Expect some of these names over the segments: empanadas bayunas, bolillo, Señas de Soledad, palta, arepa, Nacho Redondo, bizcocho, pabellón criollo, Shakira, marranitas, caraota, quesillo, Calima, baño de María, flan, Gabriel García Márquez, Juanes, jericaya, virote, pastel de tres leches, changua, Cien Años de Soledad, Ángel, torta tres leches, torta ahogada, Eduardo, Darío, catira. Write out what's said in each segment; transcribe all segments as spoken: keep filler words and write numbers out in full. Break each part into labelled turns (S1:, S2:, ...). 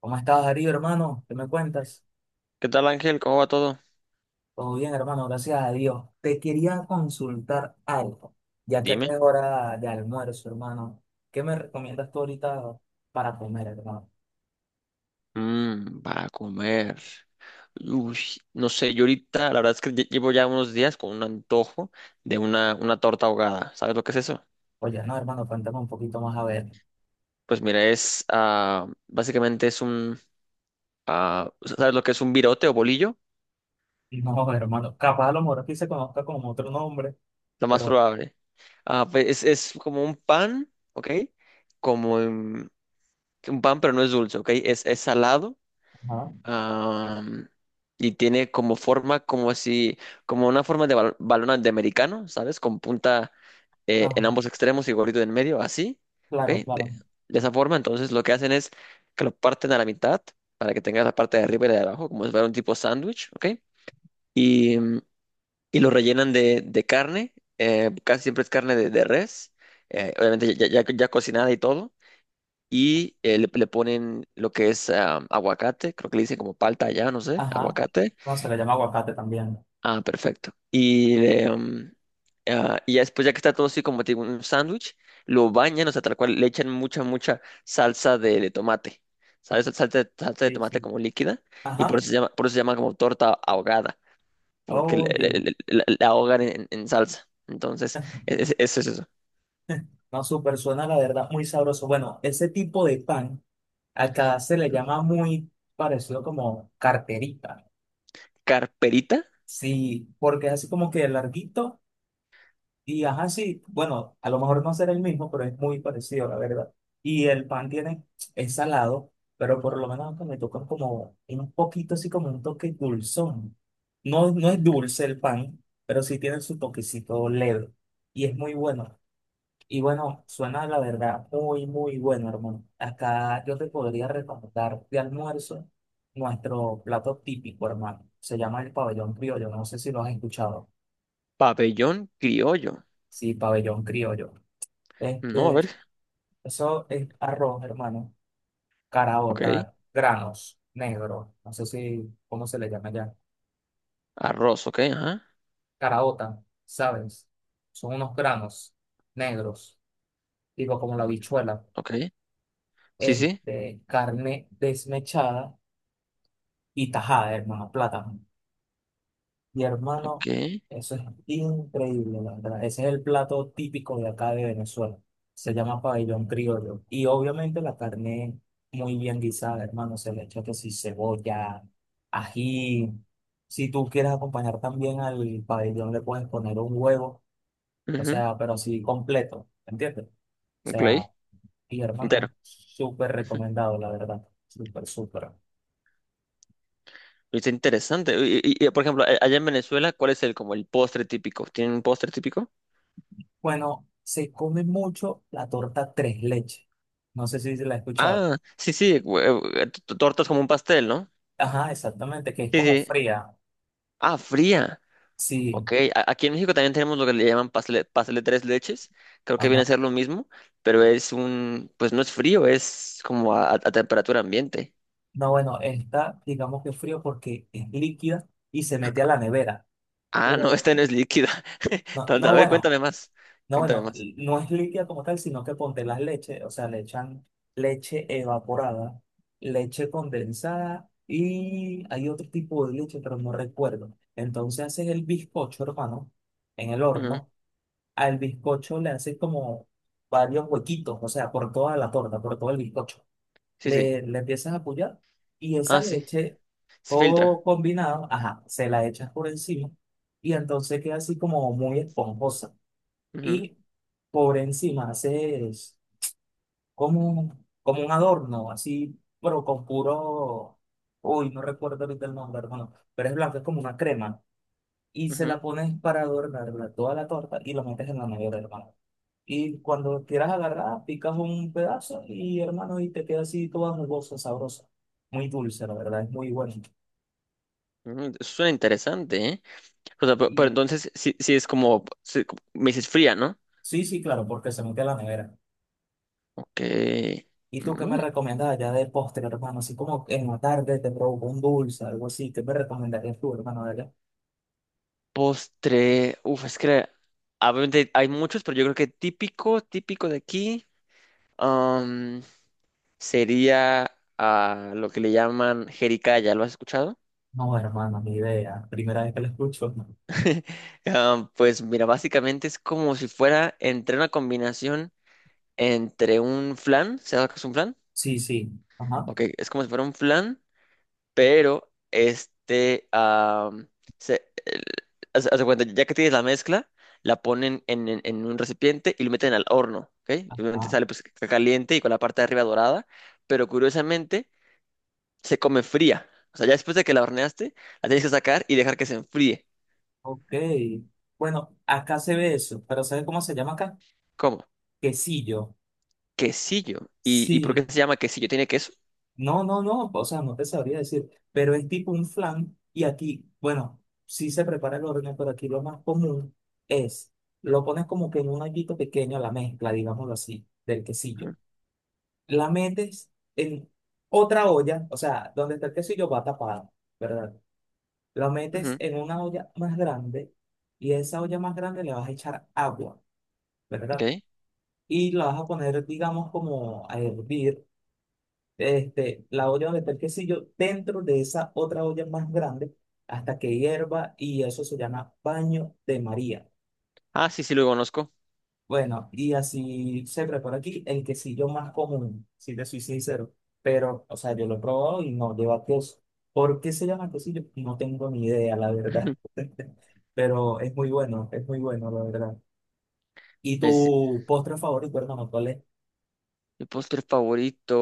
S1: ¿Cómo estás, Darío, hermano? ¿Qué me cuentas?
S2: ¿Qué tal, Ángel? ¿Cómo va todo?
S1: Todo bien, hermano, gracias a Dios. Te quería consultar algo, ya que acá
S2: Dime.
S1: es hora de almuerzo, hermano. ¿Qué me recomiendas tú ahorita para comer, hermano?
S2: Mm, para comer. Uy, no sé, yo ahorita, la verdad es que lle- llevo ya unos días con un antojo de una, una torta ahogada. ¿Sabes lo que es eso?
S1: Oye, no, hermano, cuéntame un poquito más a ver.
S2: Pues mira, es, ah, básicamente es un, ah, ¿sabes lo que es un virote o bolillo?
S1: No, hermano, capaz a lo mejor aquí se conozca como otro nombre,
S2: Lo más
S1: pero...
S2: probable. Ah, pues es, es como un pan, ¿ok? Como mm, un pan, pero no es dulce, ¿ok? Es, es salado.
S1: Ajá,
S2: Am, y tiene como forma, como si, como una forma de bal- balón de americano, ¿sabes? Con punta eh, en
S1: ajá,
S2: ambos extremos y gorrito en medio, así, ¿ok?
S1: claro, claro.
S2: De, de esa forma, entonces lo que hacen es que lo parten a la mitad para que tengas la parte de arriba y la de abajo, como si fuera un tipo sándwich, ¿ok? Y, mm, y lo rellenan de, de carne, eh, casi siempre es carne de, de res, eh, obviamente ya, ya, ya cocinada y todo y eh, le, le ponen lo que es ah, aguacate, creo que le dicen como palta allá, no sé,
S1: Ajá.
S2: aguacate.
S1: No, se le llama aguacate también.
S2: Ah, perfecto. Y, le, mm, ah, y ya después, ya que está todo así como tipo un sándwich, lo bañan, o sea, tal cual, le echan mucha, mucha salsa de, de tomate. ¿Sabes? Salsa de, salsa de
S1: Sí,
S2: tomate
S1: sí.
S2: como líquida. Y por
S1: Ajá.
S2: eso se llama, por eso se llama como torta ahogada, porque le-
S1: Oye,
S2: le- le- la la ahogan en, en salsa. Entonces, es- es- eso es eso.
S1: no, súper suena, la verdad, muy sabroso. Bueno, ese tipo de pan. Acá se le llama muy parecido como carterita.
S2: Carperita,
S1: Sí, porque es así como que larguito y ajá, sí, bueno, a lo mejor no será el mismo, pero es muy parecido, la verdad. Y el pan tiene, es salado, pero por lo menos acá me tocan como un poquito así como un toque dulzón. No, no es
S2: ujú,
S1: dulce el pan, pero sí tiene su toquecito leve y es muy bueno. Y bueno, suena la verdad muy, muy bueno, hermano. Acá yo te podría recomendar de almuerzo nuestro plato típico, hermano. Se llama el pabellón criollo. No sé si lo has escuchado.
S2: pabellón criollo.
S1: Sí, pabellón criollo.
S2: No, a ver,
S1: Este, eso es arroz, hermano.
S2: ok.
S1: Caraota, granos negros. No sé si, ¿cómo se le llama ya?
S2: Arroz, ok, ajá,
S1: Caraota, ¿sabes? Son unos granos negros, digo, como la habichuela.
S2: ok. Sí, sí,
S1: Este, carne desmechada y tajada, hermano, plátano. Y hermano,
S2: ok.
S1: eso es increíble, la verdad. Ese es el plato típico de acá de Venezuela. Se llama pabellón criollo. Y obviamente la carne muy bien guisada, hermano. Se le echa que si cebolla, ají. Si tú quieres acompañar también al pabellón, le puedes poner un huevo. O
S2: Ujú,
S1: sea, pero así completo, ¿entiendes? O sea,
S2: ok,
S1: y
S2: entero.
S1: hermano, súper
S2: Ujú.
S1: recomendado, la verdad. Súper, súper.
S2: Está interesante. Y, y- y, por ejemplo, a- allá en Venezuela, ¿cuál es el como el postre típico? ¿Tienen un postre típico?
S1: Bueno, se come mucho la torta tres leches. No sé si se la he escuchado.
S2: Ah, sí, sí, hue- eh, t- t- tortas como un pastel, ¿no?
S1: Ajá, exactamente, que es
S2: Sí,
S1: como
S2: sí.
S1: fría.
S2: Ah, fría.
S1: Sí,
S2: Ok, a- aquí en México también tenemos lo que le llaman pastel, pastel de tres leches. Creo que viene
S1: ajá.
S2: a ser lo mismo, pero es un, pues no es frío, es como a, a temperatura ambiente.
S1: No, bueno, está, digamos que frío porque es líquida y se mete a la nevera.
S2: Ah, no,
S1: Pero,
S2: esta no es líquida.
S1: no,
S2: Entonces, a
S1: no,
S2: ver,
S1: bueno,
S2: cuéntame más.
S1: no,
S2: Cuéntame
S1: bueno,
S2: más.
S1: no es líquida como tal, sino que ponte las leches, o sea, le echan leche evaporada, leche condensada y hay otro tipo de leche, pero no recuerdo. Entonces haces el bizcocho, hermano, en el
S2: Ujú,
S1: horno. Al bizcocho le haces como varios huequitos, o sea, por toda la torta, por todo el bizcocho.
S2: sí, sí.
S1: le, le empiezas a apoyar y esa
S2: Ah, sí.
S1: leche,
S2: Se filtra.
S1: todo combinado, ajá, se la echas por encima y entonces queda así como muy esponjosa.
S2: Ujú,
S1: Y por encima haces como, un- como un adorno, así, pero con puro, uy, no recuerdo ahorita el nombre, hermano, pero es blanco, es como una crema. Y se
S2: ujú,
S1: la pones para adornar la- toda la torta y lo metes en la nevera, hermano. Y cuando quieras agarrar, picas un pedazo y hermano, y te queda así toda jugosa, sabrosa. Muy dulce, la verdad, es muy bueno.
S2: ujú, suena interesante, ¿eh? O sea, pe- pero,
S1: Y
S2: entonces sí, sí es como, sí, como me dices fría, ¿no?
S1: sí, sí, claro, porque se mete a la nevera.
S2: Ok.
S1: ¿Y tú qué me
S2: Mm.
S1: recomiendas allá de postre, hermano? Así como en la tarde te provoca un dulce, algo así. ¿Qué me recomendarías tú, hermano, de allá?
S2: Postre. Uf, es que obviamente hay muchos, pero yo creo que típico, típico de aquí, am, sería ah, lo que le llaman jericaya. ¿Lo has escuchado?
S1: No, hermano, ni idea. Primera vez que lo escucho.
S2: Am, pues mira, básicamente es como si fuera entre una combinación entre un flan, ¿sabes lo que es un flan?
S1: Sí, sí. Ajá.
S2: Ok, es como si fuera un flan, pero este, ah, se, el- haz- haz de cuenta, ya que tienes la mezcla, la ponen en, en- en un recipiente y lo meten al horno, ¿ok? Y obviamente
S1: Ah,
S2: sale pues ca- caliente y con la parte de arriba dorada, pero curiosamente se come fría. O sea, ya después de que la horneaste, la tienes que sacar y dejar que se enfríe.
S1: ok. Bueno, acá se ve eso, pero ¿sabes cómo se llama acá?
S2: ¿Cómo?
S1: Quesillo.
S2: Quesillo. ¿Y, y por qué
S1: Sí.
S2: se llama quesillo? ¿Tiene queso?
S1: No, no, no, o sea, no te sabría decir, pero es tipo un flan y aquí, bueno, sí se prepara el horno, pero aquí lo más común es, lo pones como que en un hoyito pequeño, la mezcla, digámoslo así, del quesillo.
S2: Ujú,
S1: La metes en otra olla, o sea, donde está el quesillo va tapado, ¿verdad? Lo metes
S2: ujú,
S1: en una olla más grande y a esa olla más grande le vas a echar agua,
S2: ok.
S1: ¿verdad? Y la vas a poner, digamos, como a hervir este, la olla donde está el quesillo dentro de esa otra olla más grande hasta que hierva y eso se llama baño de María.
S2: Ah, sí, sí, lo conozco.
S1: Bueno, y así se prepara aquí el quesillo más común, si te soy sincero. Pero, o sea, yo lo he probado y no lleva queso. ¿Por qué se llama quesillo? No tengo ni idea, la verdad. Pero es muy bueno, es muy bueno, la verdad. ¿Y
S2: Es
S1: tu postre favorito, hermano, cuál es?
S2: mi postre favorito.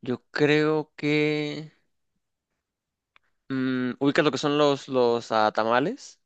S2: Yo creo que mm, ubicas lo que son los, los ah, tamales.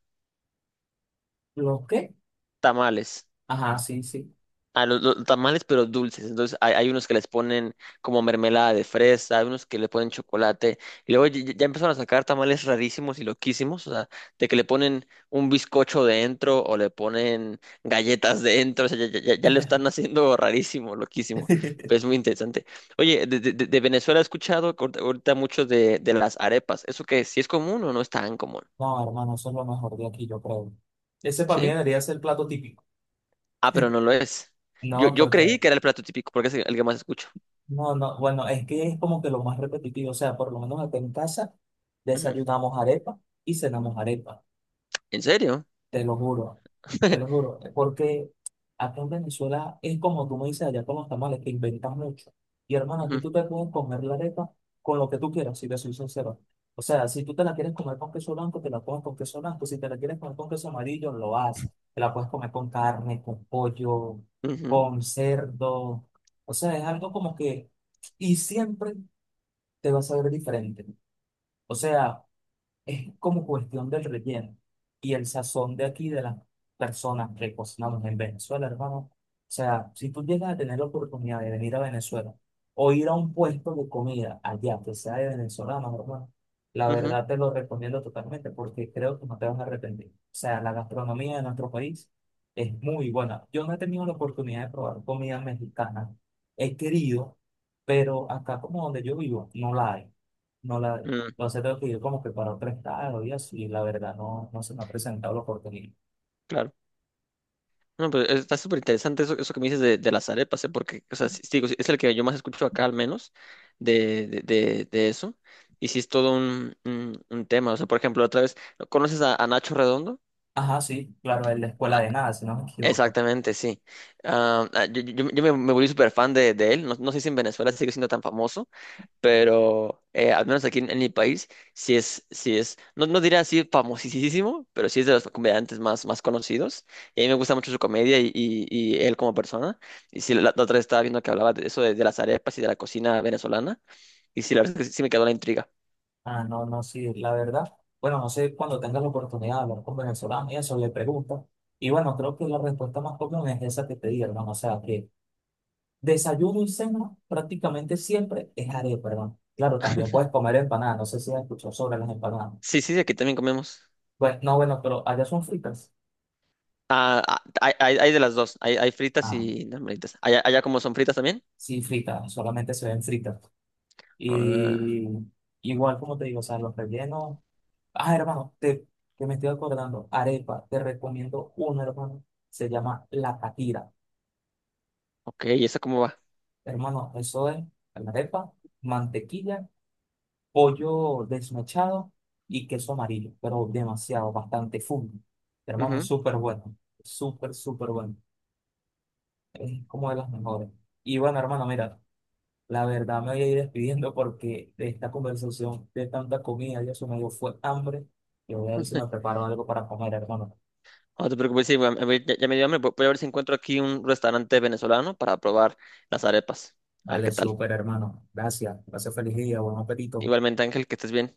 S1: ¿Los qué?
S2: Tamales.
S1: Ajá, sí, sí.
S2: Ah, los, los tamales, pero dulces. Entonces hay, hay unos que les ponen como mermelada de fresa, hay unos que le ponen chocolate. Y luego ya, ya empezaron a sacar tamales rarísimos y loquísimos. O sea, de que le ponen un bizcocho dentro o le ponen galletas dentro. O sea, ya, ya, ya- ya lo están haciendo rarísimo, loquísimo. Pero es muy interesante. Oye, de, de- de- de Venezuela he escuchado ahorita ahorita mucho de, de las arepas. ¿Eso qué? ¿Sí es común o no es tan común?
S1: No, hermano, eso es lo mejor de aquí, yo creo. Ese para mí
S2: Sí.
S1: debería ser el plato típico.
S2: Ah, pero no lo es. Yo,
S1: No,
S2: yo creí
S1: porque,
S2: que era el plato típico porque es el que más escucho.
S1: no, no, bueno, es que es como que lo más repetitivo. O sea, por lo menos acá en casa
S2: Ujú.
S1: desayunamos arepa y cenamos arepa.
S2: ¿En serio?
S1: Te lo juro, te lo juro, porque acá en Venezuela es como tú me dices allá con los tamales, que inventas mucho. Y hermano, aquí
S2: Ujú,
S1: tú te puedes comer la arepa con lo que tú quieras, si te soy sincero. O sea, si tú te la quieres comer con queso blanco, te la comes con queso blanco. Si te la quieres comer con queso amarillo, lo haces. Te la puedes comer con carne, con pollo,
S2: ujú,
S1: con cerdo. O sea, es algo como que... Y siempre te va a saber diferente. O sea es como cuestión del relleno y el sazón de aquí de las personas que cocinamos en Venezuela, hermano. O sea, si tú llegas a tener la oportunidad de venir a Venezuela o ir a un puesto de comida allá que sea de venezolanos, hermano, la
S2: ujú,
S1: verdad te lo recomiendo totalmente porque creo que no te vas a arrepentir. O sea, la gastronomía de nuestro país es muy buena. Yo no he tenido la oportunidad de probar comida mexicana. He querido, pero acá como donde yo vivo, no la hay. No la
S2: mm,
S1: Entonces tengo que ir como que para otro estado y así, y la verdad no, no se me ha presentado la oportunidad.
S2: claro. No, pues está súper interesante eso, eso que me dices de, de las arepas, ¿eh? Porque, o sea, sí, sí, digo, sí, es el que yo más escucho acá al menos de, de, de- de eso. Y sí es todo un, un, un tema. O sea, por ejemplo, otra vez, ¿conoces a, a Nacho Redondo?
S1: Ajá, sí, claro, es la escuela
S2: Ah,
S1: de nada, si no me equivoco.
S2: exactamente, sí. Ah, ah, yo, yo- yo me, me volví súper fan de, de él. No, no sé si en Venezuela sigue siendo tan famoso. Pero eh, al menos aquí en, en mi país, sí es, sí es, no, no diría así famosísimo, pero sí es de los comediantes más, más conocidos. Y a mí me gusta mucho su comedia y, y- y él como persona. Y sí, la, la otra vez estaba viendo que hablaba de eso, de, de las arepas y de la cocina venezolana. Y sí, la verdad es que sí sí me quedó la intriga.
S1: Ah, no, no, sí, la verdad. Bueno, no sé, cuando tengas la oportunidad de hablar con venezolanos y eso, le preguntas. Y bueno, creo que la respuesta más común es esa que te di, hermano. O sea, que desayuno y cena prácticamente siempre es arepa, perdón. Claro, también puedes comer empanadas. No sé si has escuchado sobre las empanadas.
S2: Sí, sí, aquí también comemos.
S1: Pues no, bueno, pero allá son fritas.
S2: Ah, ah, hay, hay, hay de las dos, hay, hay fritas
S1: Ah,
S2: y normalitas. ¿Allá, allá como son fritas también?
S1: sí, fritas, solamente se ven fritas.
S2: Ah,
S1: Y igual, como te digo, o sea, los rellenos. Ah, hermano, te, que me estoy acordando. Arepa, te recomiendo una, hermano. Se llama la catira.
S2: ok, ¿y eso cómo va?
S1: Hermano, eso es la arepa, mantequilla, pollo desmechado y queso amarillo, pero demasiado, bastante full. Hermano, es súper bueno. Súper, súper bueno. Es como de las mejores. Y bueno, hermano, mira. La verdad me voy a ir despidiendo porque de esta conversación, de tanta comida, ya se me dio fue hambre. Yo voy a ver si
S2: Ujú.
S1: me preparo algo para comer, hermano.
S2: No te preocupes, sí, a mí- a mí ya, ya me dio hambre. Voy voy a ver si encuentro aquí un restaurante venezolano para probar las arepas. A ver
S1: Vale,
S2: qué tal.
S1: súper, hermano. Gracias. Gracias, feliz día. Buen apetito.
S2: Igualmente, Ángel, que estés bien.